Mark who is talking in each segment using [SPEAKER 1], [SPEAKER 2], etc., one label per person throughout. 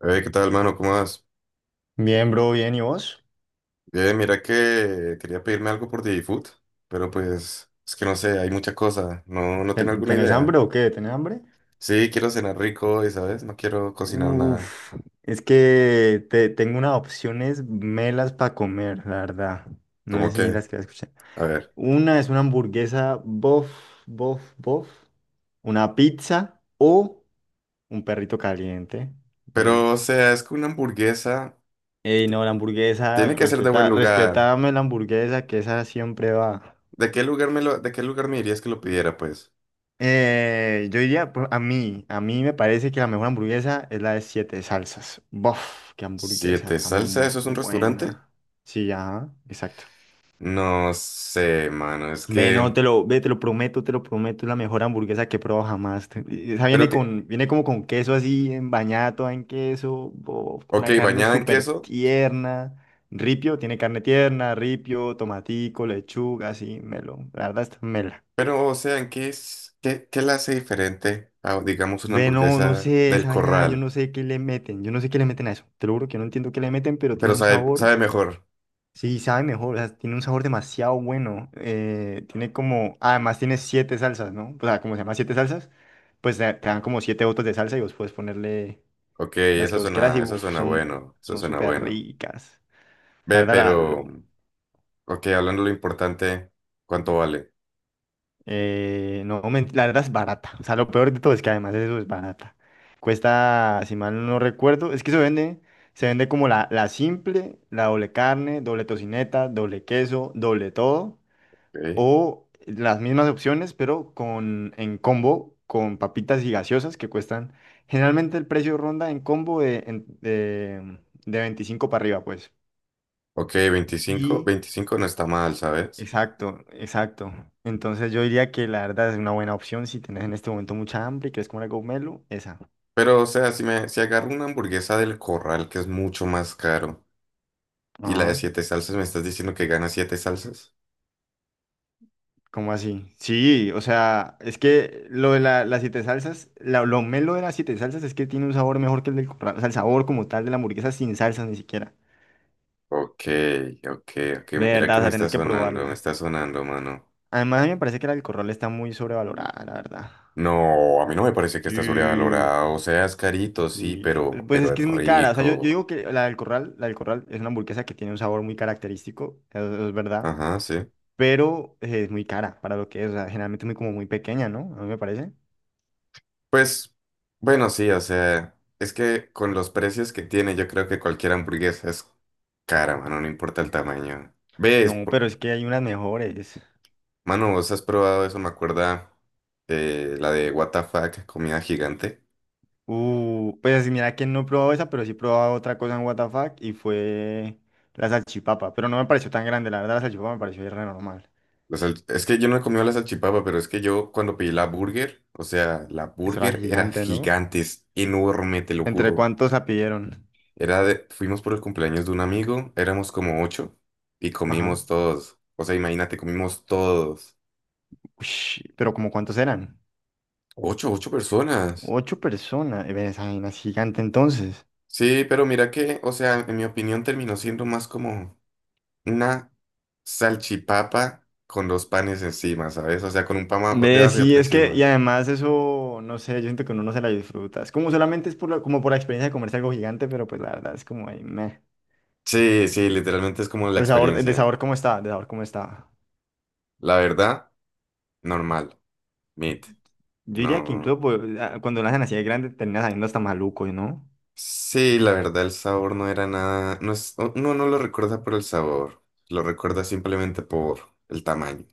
[SPEAKER 1] Hey, ¿qué tal, hermano? ¿Cómo vas?
[SPEAKER 2] Bien, bro, bien. ¿Y vos?
[SPEAKER 1] Bien, mira que quería pedirme algo por DigiFood, pero pues es que no sé, hay mucha cosa, no tengo alguna
[SPEAKER 2] ¿Tenés hambre
[SPEAKER 1] idea.
[SPEAKER 2] o qué? ¿Tenés hambre?
[SPEAKER 1] Sí, quiero cenar rico y, ¿sabes? No quiero cocinar nada.
[SPEAKER 2] Uf, es que tengo unas opciones melas para comer, la verdad. No sé
[SPEAKER 1] ¿Cómo
[SPEAKER 2] si
[SPEAKER 1] que?
[SPEAKER 2] las quieras escuchar.
[SPEAKER 1] A ver.
[SPEAKER 2] Una es una hamburguesa bof, bof, bof. Una pizza o un perrito caliente. Bien.
[SPEAKER 1] Pero, o sea, es que una hamburguesa
[SPEAKER 2] Ey,
[SPEAKER 1] ti-
[SPEAKER 2] no, la hamburguesa,
[SPEAKER 1] tiene que ser de buen lugar.
[SPEAKER 2] respetame la hamburguesa, que esa siempre va.
[SPEAKER 1] ¿De qué lugar me dirías que lo pidiera, pues?
[SPEAKER 2] Yo diría, pues, a mí me parece que la mejor hamburguesa es la de siete salsas. Bof, qué hamburguesa
[SPEAKER 1] ¿Siete Salsa?
[SPEAKER 2] tan
[SPEAKER 1] ¿Eso es un restaurante?
[SPEAKER 2] buena. Sí, ya, exacto.
[SPEAKER 1] No sé, mano, es que...
[SPEAKER 2] Ve, no, ve, te lo prometo, es la mejor hamburguesa que he probado jamás. Y esa
[SPEAKER 1] Pero
[SPEAKER 2] viene
[SPEAKER 1] que...
[SPEAKER 2] como con queso así, en bañada toda en queso, bof,
[SPEAKER 1] Ok,
[SPEAKER 2] una carne
[SPEAKER 1] bañada en
[SPEAKER 2] súper
[SPEAKER 1] queso.
[SPEAKER 2] tierna. Ripio, tiene carne tierna, ripio, tomatico, lechuga, así, melo. La verdad, está mela.
[SPEAKER 1] Pero, o sea, ¿en qué es, qué, qué la hace diferente a, digamos, una
[SPEAKER 2] Ve, no, no
[SPEAKER 1] hamburguesa
[SPEAKER 2] sé,
[SPEAKER 1] del
[SPEAKER 2] esa vaina, yo
[SPEAKER 1] corral?
[SPEAKER 2] no sé qué le meten, yo no sé qué le meten a eso. Te lo juro que no entiendo qué le meten, pero
[SPEAKER 1] Pero
[SPEAKER 2] tiene un
[SPEAKER 1] sabe
[SPEAKER 2] sabor,
[SPEAKER 1] mejor.
[SPEAKER 2] sí, sabe mejor, o sea, tiene un sabor demasiado bueno. Además tiene siete salsas, ¿no? O sea, como se llama siete salsas, pues te dan como siete botes de salsa y vos puedes ponerle
[SPEAKER 1] Ok,
[SPEAKER 2] las que vos quieras y
[SPEAKER 1] eso
[SPEAKER 2] uf,
[SPEAKER 1] suena
[SPEAKER 2] son,
[SPEAKER 1] bueno, eso
[SPEAKER 2] son
[SPEAKER 1] suena
[SPEAKER 2] súper
[SPEAKER 1] bueno.
[SPEAKER 2] ricas.
[SPEAKER 1] Ve,
[SPEAKER 2] La
[SPEAKER 1] pero,
[SPEAKER 2] verdad,
[SPEAKER 1] ok, hablando de lo importante, ¿cuánto vale?
[SPEAKER 2] No, la verdad es barata. O sea, lo peor de todo es que además eso es barata. Cuesta, si mal no recuerdo, es que se vende como la simple, la doble carne, doble tocineta, doble queso, doble todo.
[SPEAKER 1] Ok,
[SPEAKER 2] O las mismas opciones, pero en combo con papitas y gaseosas que cuestan. Generalmente el precio ronda en combo de 25 para arriba, pues.
[SPEAKER 1] ok, 25
[SPEAKER 2] Y
[SPEAKER 1] 25 no está mal, ¿sabes?
[SPEAKER 2] exacto, exacto. Entonces yo diría que la verdad es una buena opción si tenés en este momento mucha hambre y quieres comer algo melo, esa.
[SPEAKER 1] Pero, o sea, si agarro una hamburguesa del corral, que es mucho más caro, y la de
[SPEAKER 2] Ajá.
[SPEAKER 1] siete salsas, ¿me estás diciendo que gana siete salsas?
[SPEAKER 2] ¿Cómo así? Sí, o sea, es que las siete salsas, lo melo de las siete salsas es que tiene un sabor mejor que el del corral. O sea, el sabor como tal de la hamburguesa sin salsas ni siquiera.
[SPEAKER 1] Ok, ok, ok,
[SPEAKER 2] De
[SPEAKER 1] mira
[SPEAKER 2] verdad,
[SPEAKER 1] que
[SPEAKER 2] o sea, tenés que
[SPEAKER 1] me
[SPEAKER 2] probarla.
[SPEAKER 1] está sonando, mano.
[SPEAKER 2] Además, a mí me parece que la del corral está muy sobrevalorada, la verdad.
[SPEAKER 1] No, a mí no me parece que esté
[SPEAKER 2] Sí.
[SPEAKER 1] sobrevalorado. O sea, es carito, sí,
[SPEAKER 2] Y
[SPEAKER 1] pero,
[SPEAKER 2] pues
[SPEAKER 1] pero
[SPEAKER 2] es que
[SPEAKER 1] es
[SPEAKER 2] es muy cara. O sea, yo
[SPEAKER 1] rico.
[SPEAKER 2] digo que la del Corral es una hamburguesa que tiene un sabor muy característico, eso es verdad,
[SPEAKER 1] Ajá, sí.
[SPEAKER 2] pero es muy cara para lo que es. O sea, generalmente es como muy pequeña, ¿no? A mí me parece.
[SPEAKER 1] Pues, bueno, sí, o sea, es que con los precios que tiene, yo creo que cualquier hamburguesa es cara, mano, no importa el tamaño. ¿Ves?
[SPEAKER 2] No, pero es que hay unas mejores.
[SPEAKER 1] Mano, vos has probado eso, me acuerda la de What the fuck, comida gigante.
[SPEAKER 2] Pues así, mira que no he probado esa, pero sí he probado otra cosa en WTF y fue la salchipapa. Pero no me pareció tan grande, la verdad, la salchipapa me pareció re normal.
[SPEAKER 1] O sea, es que yo no he comido la salchipapa, pero es que yo cuando pedí la burger, o sea, la
[SPEAKER 2] Eso era
[SPEAKER 1] burger era
[SPEAKER 2] gigante, ¿no?
[SPEAKER 1] gigante, es enorme, te lo
[SPEAKER 2] ¿Entre
[SPEAKER 1] juro.
[SPEAKER 2] cuántos la pidieron?
[SPEAKER 1] Fuimos por el cumpleaños de un amigo, éramos como ocho y
[SPEAKER 2] Ajá.
[SPEAKER 1] comimos todos. O sea, imagínate, comimos todos.
[SPEAKER 2] Ush, ¿pero como cuántos eran?
[SPEAKER 1] Ocho, ocho personas.
[SPEAKER 2] Ocho personas. Ve, esa vaina es gigante entonces.
[SPEAKER 1] Sí, pero mira que, o sea, en mi opinión terminó siendo más como una salchipapa con dos panes encima, ¿sabes? O sea, con un pan
[SPEAKER 2] Ve, sí.
[SPEAKER 1] debajo y
[SPEAKER 2] Sí,
[SPEAKER 1] otro
[SPEAKER 2] es que, y
[SPEAKER 1] encima.
[SPEAKER 2] además eso, no sé, yo siento que uno no se la disfruta. Es como solamente es como por la experiencia de comerse algo gigante, pero pues la verdad es como ahí, meh.
[SPEAKER 1] Sí, sí, literalmente es como la
[SPEAKER 2] El sabor, el de
[SPEAKER 1] experiencia.
[SPEAKER 2] sabor cómo está, De sabor cómo está.
[SPEAKER 1] La verdad, normal. Meat.
[SPEAKER 2] Yo diría que incluso
[SPEAKER 1] No.
[SPEAKER 2] pues, cuando lo hacen así de grande termina saliendo hasta maluco, ¿no?
[SPEAKER 1] Sí, la verdad, el sabor no era nada. Uno no lo recuerda por el sabor, lo recuerda simplemente por el tamaño.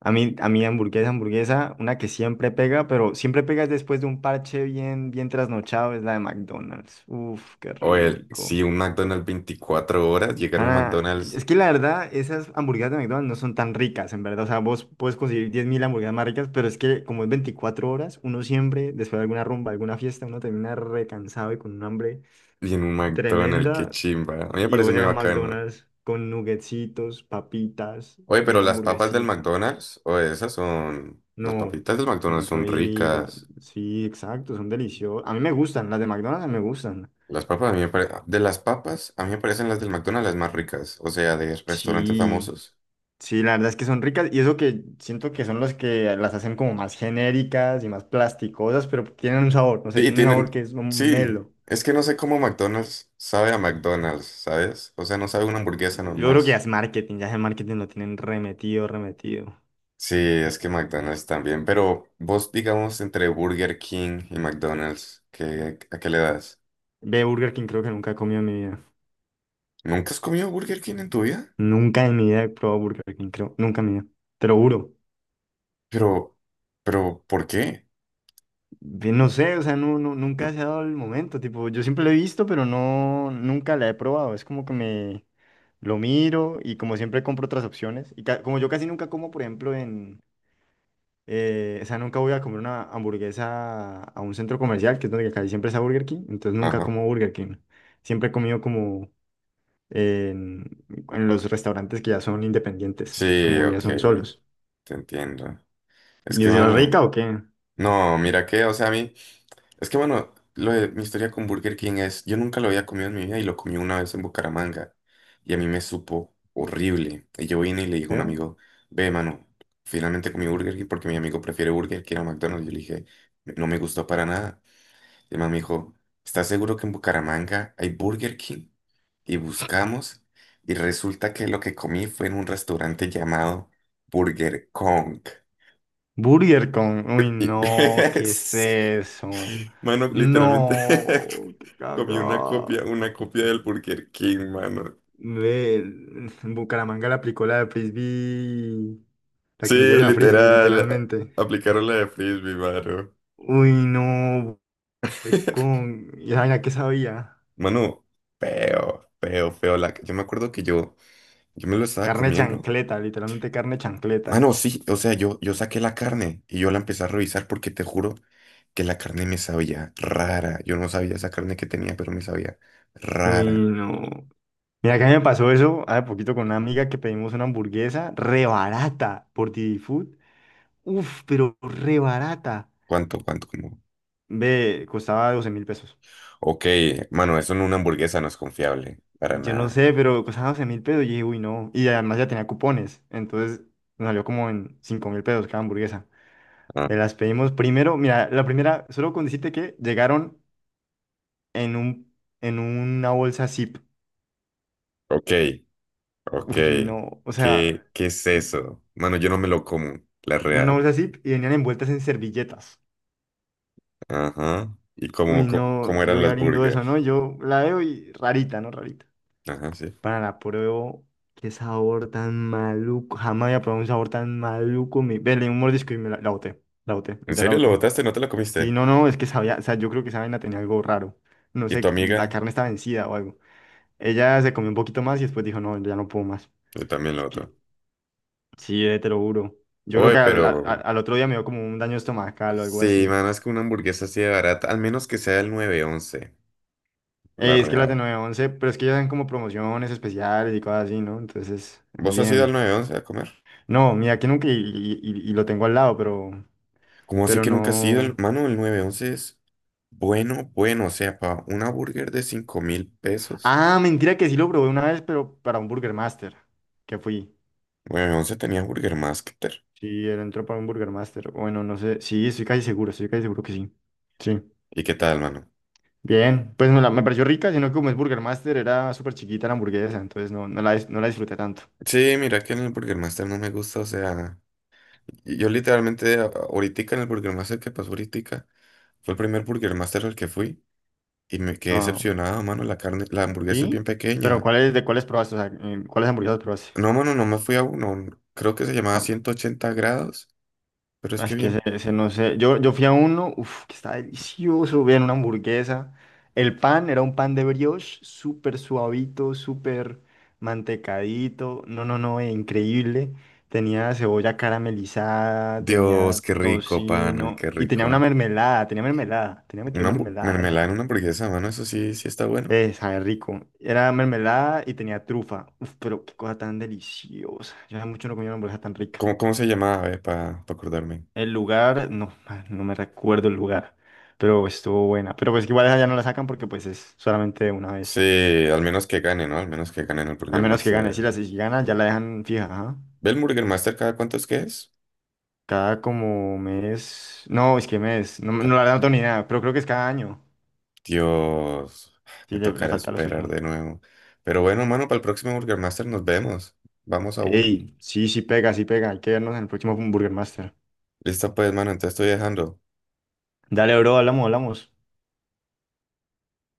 [SPEAKER 2] A mí hamburguesa, hamburguesa, una que siempre pega, pero siempre pega es después de un parche bien, bien trasnochado, es la de McDonald's. Uf, qué
[SPEAKER 1] O el,
[SPEAKER 2] rico.
[SPEAKER 1] sí, un McDonald's 24 horas, llegar a un
[SPEAKER 2] Ah, es
[SPEAKER 1] McDonald's
[SPEAKER 2] que la verdad, esas hamburguesas de McDonald's no son tan ricas, en verdad. O sea, vos puedes conseguir 10.000 hamburguesas más ricas, pero es que como es 24 horas, uno siempre, después de alguna rumba, alguna fiesta, uno termina recansado y con un hambre
[SPEAKER 1] y en un McDonald's, qué
[SPEAKER 2] tremenda.
[SPEAKER 1] chimba. A mí me
[SPEAKER 2] Y
[SPEAKER 1] parece
[SPEAKER 2] vos
[SPEAKER 1] muy
[SPEAKER 2] llegas a
[SPEAKER 1] bacano.
[SPEAKER 2] McDonald's con nuggetsitos, papitas
[SPEAKER 1] Oye,
[SPEAKER 2] y
[SPEAKER 1] pero
[SPEAKER 2] una
[SPEAKER 1] las papas del
[SPEAKER 2] hamburguesita.
[SPEAKER 1] McDonald's, o esas son. Las
[SPEAKER 2] No,
[SPEAKER 1] papitas del McDonald's
[SPEAKER 2] son
[SPEAKER 1] son
[SPEAKER 2] ricas.
[SPEAKER 1] ricas.
[SPEAKER 2] Sí, exacto, son deliciosas. A mí me gustan, las de McDonald's a mí me gustan.
[SPEAKER 1] Las papas, a mí me pare- De las papas, a mí me parecen las del McDonald's las más ricas, o sea, de restaurantes
[SPEAKER 2] Sí.
[SPEAKER 1] famosos.
[SPEAKER 2] Sí, la verdad es que son ricas y eso que siento que son los que las hacen como más genéricas y más plasticosas, pero tienen un sabor, no sé,
[SPEAKER 1] Sí,
[SPEAKER 2] tienen un sabor
[SPEAKER 1] tienen,
[SPEAKER 2] que es un
[SPEAKER 1] sí,
[SPEAKER 2] melo.
[SPEAKER 1] es que no sé cómo McDonald's sabe a McDonald's, ¿sabes? O sea, no sabe una hamburguesa
[SPEAKER 2] Yo
[SPEAKER 1] normal.
[SPEAKER 2] creo que ya es marketing lo tienen remetido, remetido.
[SPEAKER 1] Sí, es que McDonald's también, pero vos digamos entre Burger King y McDonald's, ¿ a qué le das?
[SPEAKER 2] Ve, Burger King creo que nunca he comido en mi vida.
[SPEAKER 1] ¿Nunca has comido Burger King en tu vida?
[SPEAKER 2] Nunca en mi vida he probado Burger King, creo, nunca en mi vida. Te lo juro.
[SPEAKER 1] Pero, pero, ¿por qué?
[SPEAKER 2] Ve, no sé, o sea,
[SPEAKER 1] No,
[SPEAKER 2] nunca se ha dado el momento, tipo, yo siempre lo he visto, pero no, nunca la he probado. Es como que me lo miro y como siempre compro otras opciones. Y como yo casi nunca como, por ejemplo, en o sea, nunca voy a comer una hamburguesa a un centro comercial, que es donde casi siempre está Burger King, entonces nunca
[SPEAKER 1] ajá.
[SPEAKER 2] como Burger King. Siempre he comido como en, en los restaurantes que ya son independientes,
[SPEAKER 1] Sí,
[SPEAKER 2] como
[SPEAKER 1] ok,
[SPEAKER 2] ya son solos.
[SPEAKER 1] te entiendo. Es
[SPEAKER 2] ¿Y
[SPEAKER 1] que,
[SPEAKER 2] es de la
[SPEAKER 1] mano,
[SPEAKER 2] rica o qué?
[SPEAKER 1] no, mira que, o sea, a mí... Es que bueno, lo de mi historia con Burger King es, yo nunca lo había comido en mi vida y lo comí una vez en Bucaramanga y a mí me supo horrible. Y yo vine y le dije a un
[SPEAKER 2] ¿Creo?
[SPEAKER 1] amigo, ve, mano, finalmente comí Burger King porque mi amigo prefiere Burger King a McDonald's. Yo le dije, no me gustó para nada. Y el man me dijo, ¿estás seguro que en Bucaramanga hay Burger King? Y buscamos y resulta que lo que comí fue en un restaurante llamado Burger Kong.
[SPEAKER 2] Uy,
[SPEAKER 1] Y-
[SPEAKER 2] no, ¿qué es eso?
[SPEAKER 1] Mano, literalmente
[SPEAKER 2] No, qué
[SPEAKER 1] comí
[SPEAKER 2] caga.
[SPEAKER 1] una copia del Burger King, mano.
[SPEAKER 2] Ve, en Bucaramanga le aplicó la de Frisbee, la
[SPEAKER 1] Sí,
[SPEAKER 2] que le hicieron a Frisbee,
[SPEAKER 1] literal.
[SPEAKER 2] literalmente.
[SPEAKER 1] Aplicaron la de Frisbee, mano.
[SPEAKER 2] Uy, no, ¿Y esa vaina qué sabía?
[SPEAKER 1] Mano, feo, feo, feo. La... Yo me acuerdo que yo me lo estaba
[SPEAKER 2] Carne
[SPEAKER 1] comiendo.
[SPEAKER 2] chancleta, literalmente carne chancleta.
[SPEAKER 1] Mano, sí, o sea, yo saqué la carne y yo la empecé a revisar porque te juro que la carne me sabía rara. Yo no sabía esa carne que tenía, pero me sabía
[SPEAKER 2] Uy,
[SPEAKER 1] rara.
[SPEAKER 2] no. Mira, que a mí me pasó eso hace poquito con una amiga que pedimos una hamburguesa re barata por Didi Food. Uf, pero re barata.
[SPEAKER 1] ¿Cuánto, cuánto? Como...
[SPEAKER 2] Ve, costaba 12.000 pesos.
[SPEAKER 1] Ok, mano, eso en una hamburguesa no es confiable, para
[SPEAKER 2] Yo no
[SPEAKER 1] nada.
[SPEAKER 2] sé, pero costaba 12.000 pesos. Y dije, uy, no. Y además ya tenía cupones. Entonces nos salió como en 5.000 pesos cada hamburguesa. Me las pedimos primero. Mira, la primera, solo con decirte que llegaron en un, en una bolsa zip.
[SPEAKER 1] Ok, ok.
[SPEAKER 2] Uy, no, o sea,
[SPEAKER 1] ¿Qué es
[SPEAKER 2] en
[SPEAKER 1] eso? Mano, yo no me lo como, la
[SPEAKER 2] una
[SPEAKER 1] real.
[SPEAKER 2] bolsa zip y venían envueltas en servilletas.
[SPEAKER 1] Ajá. ¿Y cómo,
[SPEAKER 2] Uy,
[SPEAKER 1] cómo,
[SPEAKER 2] no,
[SPEAKER 1] cómo
[SPEAKER 2] yo
[SPEAKER 1] eran
[SPEAKER 2] voy
[SPEAKER 1] las
[SPEAKER 2] abriendo eso, ¿no?
[SPEAKER 1] burgers?
[SPEAKER 2] Yo la veo y rarita, ¿no? Rarita.
[SPEAKER 1] Ajá, sí.
[SPEAKER 2] Para la pruebo, qué sabor tan maluco. Jamás había probado un sabor tan maluco. Ve, un mordisco y me la boté. La boté,
[SPEAKER 1] ¿En
[SPEAKER 2] literal la
[SPEAKER 1] serio lo
[SPEAKER 2] boté.
[SPEAKER 1] botaste? ¿No te lo
[SPEAKER 2] Y
[SPEAKER 1] comiste?
[SPEAKER 2] no, no, es que sabía, o sea, yo creo que esa vaina tenía algo raro. No
[SPEAKER 1] ¿Y
[SPEAKER 2] sé,
[SPEAKER 1] tu
[SPEAKER 2] la
[SPEAKER 1] amiga?
[SPEAKER 2] carne está vencida o algo. Ella se comió un poquito más y después dijo, no, ya no puedo más.
[SPEAKER 1] Yo también lo
[SPEAKER 2] Es que
[SPEAKER 1] botó.
[SPEAKER 2] Sí, te lo juro. Yo creo
[SPEAKER 1] Oye,
[SPEAKER 2] que
[SPEAKER 1] pero...
[SPEAKER 2] otro día me dio como un daño estomacal o algo
[SPEAKER 1] Sí,
[SPEAKER 2] así.
[SPEAKER 1] mano, es que una hamburguesa así de barata, al menos que sea el 911, la
[SPEAKER 2] Es que las de
[SPEAKER 1] real.
[SPEAKER 2] nueve once pero es que ellas dan como promociones especiales y cosas así, ¿no? Entonces es
[SPEAKER 1] ¿Vos has ido al
[SPEAKER 2] bien.
[SPEAKER 1] 911 a comer?
[SPEAKER 2] No, mira, que nunca y lo tengo al lado, pero,
[SPEAKER 1] ¿Cómo así
[SPEAKER 2] pero
[SPEAKER 1] que nunca has ido?
[SPEAKER 2] no.
[SPEAKER 1] Mano, el 911 es bueno, bueno. O sea, para una burger de 5.000 pesos,
[SPEAKER 2] Ah, mentira que sí lo probé una vez, pero para un Burger Master, que fui.
[SPEAKER 1] 911 tenía Burger Master.
[SPEAKER 2] Sí, él entró para un Burger Master. Bueno, no sé. Sí, estoy casi seguro que sí. Sí.
[SPEAKER 1] ¿Y qué tal, mano?
[SPEAKER 2] Bien, pues me pareció rica, sino que como es Burger Master, era súper chiquita la hamburguesa, entonces no la disfruté tanto.
[SPEAKER 1] Sí, mira que en el Burger Master no me gusta, o sea, yo literalmente ahorita en el Burger Master que pasó ahorita fue el primer Burger Master al que fui y me quedé
[SPEAKER 2] Ah,
[SPEAKER 1] decepcionado, mano, la carne, la hamburguesa es bien
[SPEAKER 2] ¿sí? Pero
[SPEAKER 1] pequeña.
[SPEAKER 2] de cuáles probaste? O sea, ¿cuáles hamburguesas probaste?
[SPEAKER 1] No, mano, no me fui a uno, creo que se llamaba
[SPEAKER 2] Ah,
[SPEAKER 1] 180 grados, pero es que
[SPEAKER 2] es que ese,
[SPEAKER 1] bien.
[SPEAKER 2] ese no sé. Yo fui a uno, uff, que está delicioso. Vean, una hamburguesa. El pan era un pan de brioche, súper suavito, súper mantecadito. No, no, no, increíble. Tenía cebolla caramelizada,
[SPEAKER 1] Dios,
[SPEAKER 2] tenía
[SPEAKER 1] qué rico, pana,
[SPEAKER 2] tocino
[SPEAKER 1] qué
[SPEAKER 2] y tenía una
[SPEAKER 1] rico.
[SPEAKER 2] mermelada, tenía metido
[SPEAKER 1] Una
[SPEAKER 2] mermelada, eso.
[SPEAKER 1] mermelada en una hamburguesa, mano, eso sí, sí está bueno.
[SPEAKER 2] Sabe rico. Era mermelada y tenía trufa. Uf, pero qué cosa tan deliciosa. Yo hace mucho no comía una hamburguesa tan rica.
[SPEAKER 1] ¿Cómo se llamaba, para acordarme?
[SPEAKER 2] El lugar, no, no me recuerdo el lugar, pero estuvo buena. Pero pues que igual esa ya no la sacan porque pues es solamente una
[SPEAKER 1] Sí,
[SPEAKER 2] vez.
[SPEAKER 1] al menos que gane, ¿no? Al menos que gane en el
[SPEAKER 2] A
[SPEAKER 1] Burger
[SPEAKER 2] menos que gane. Si
[SPEAKER 1] Master.
[SPEAKER 2] la si gana, ya la dejan fija, ajá.
[SPEAKER 1] ¿Ve el Burger Master cada cuánto es que es?
[SPEAKER 2] Cada como mes. No, es que mes. No, no
[SPEAKER 1] Ca-
[SPEAKER 2] la verdad no tengo ni idea, pero creo que es cada año.
[SPEAKER 1] Dios,
[SPEAKER 2] Sí,
[SPEAKER 1] me
[SPEAKER 2] le
[SPEAKER 1] tocará
[SPEAKER 2] falta lo
[SPEAKER 1] esperar
[SPEAKER 2] suyo.
[SPEAKER 1] de nuevo. Pero bueno, mano, para el próximo Burger Master nos vemos. Vamos a uno.
[SPEAKER 2] Ey, sí, sí pega, sí pega. Hay que vernos en el próximo Burger Master.
[SPEAKER 1] Listo pues, mano, entonces estoy dejando.
[SPEAKER 2] Dale, bro, hablamos, hablamos.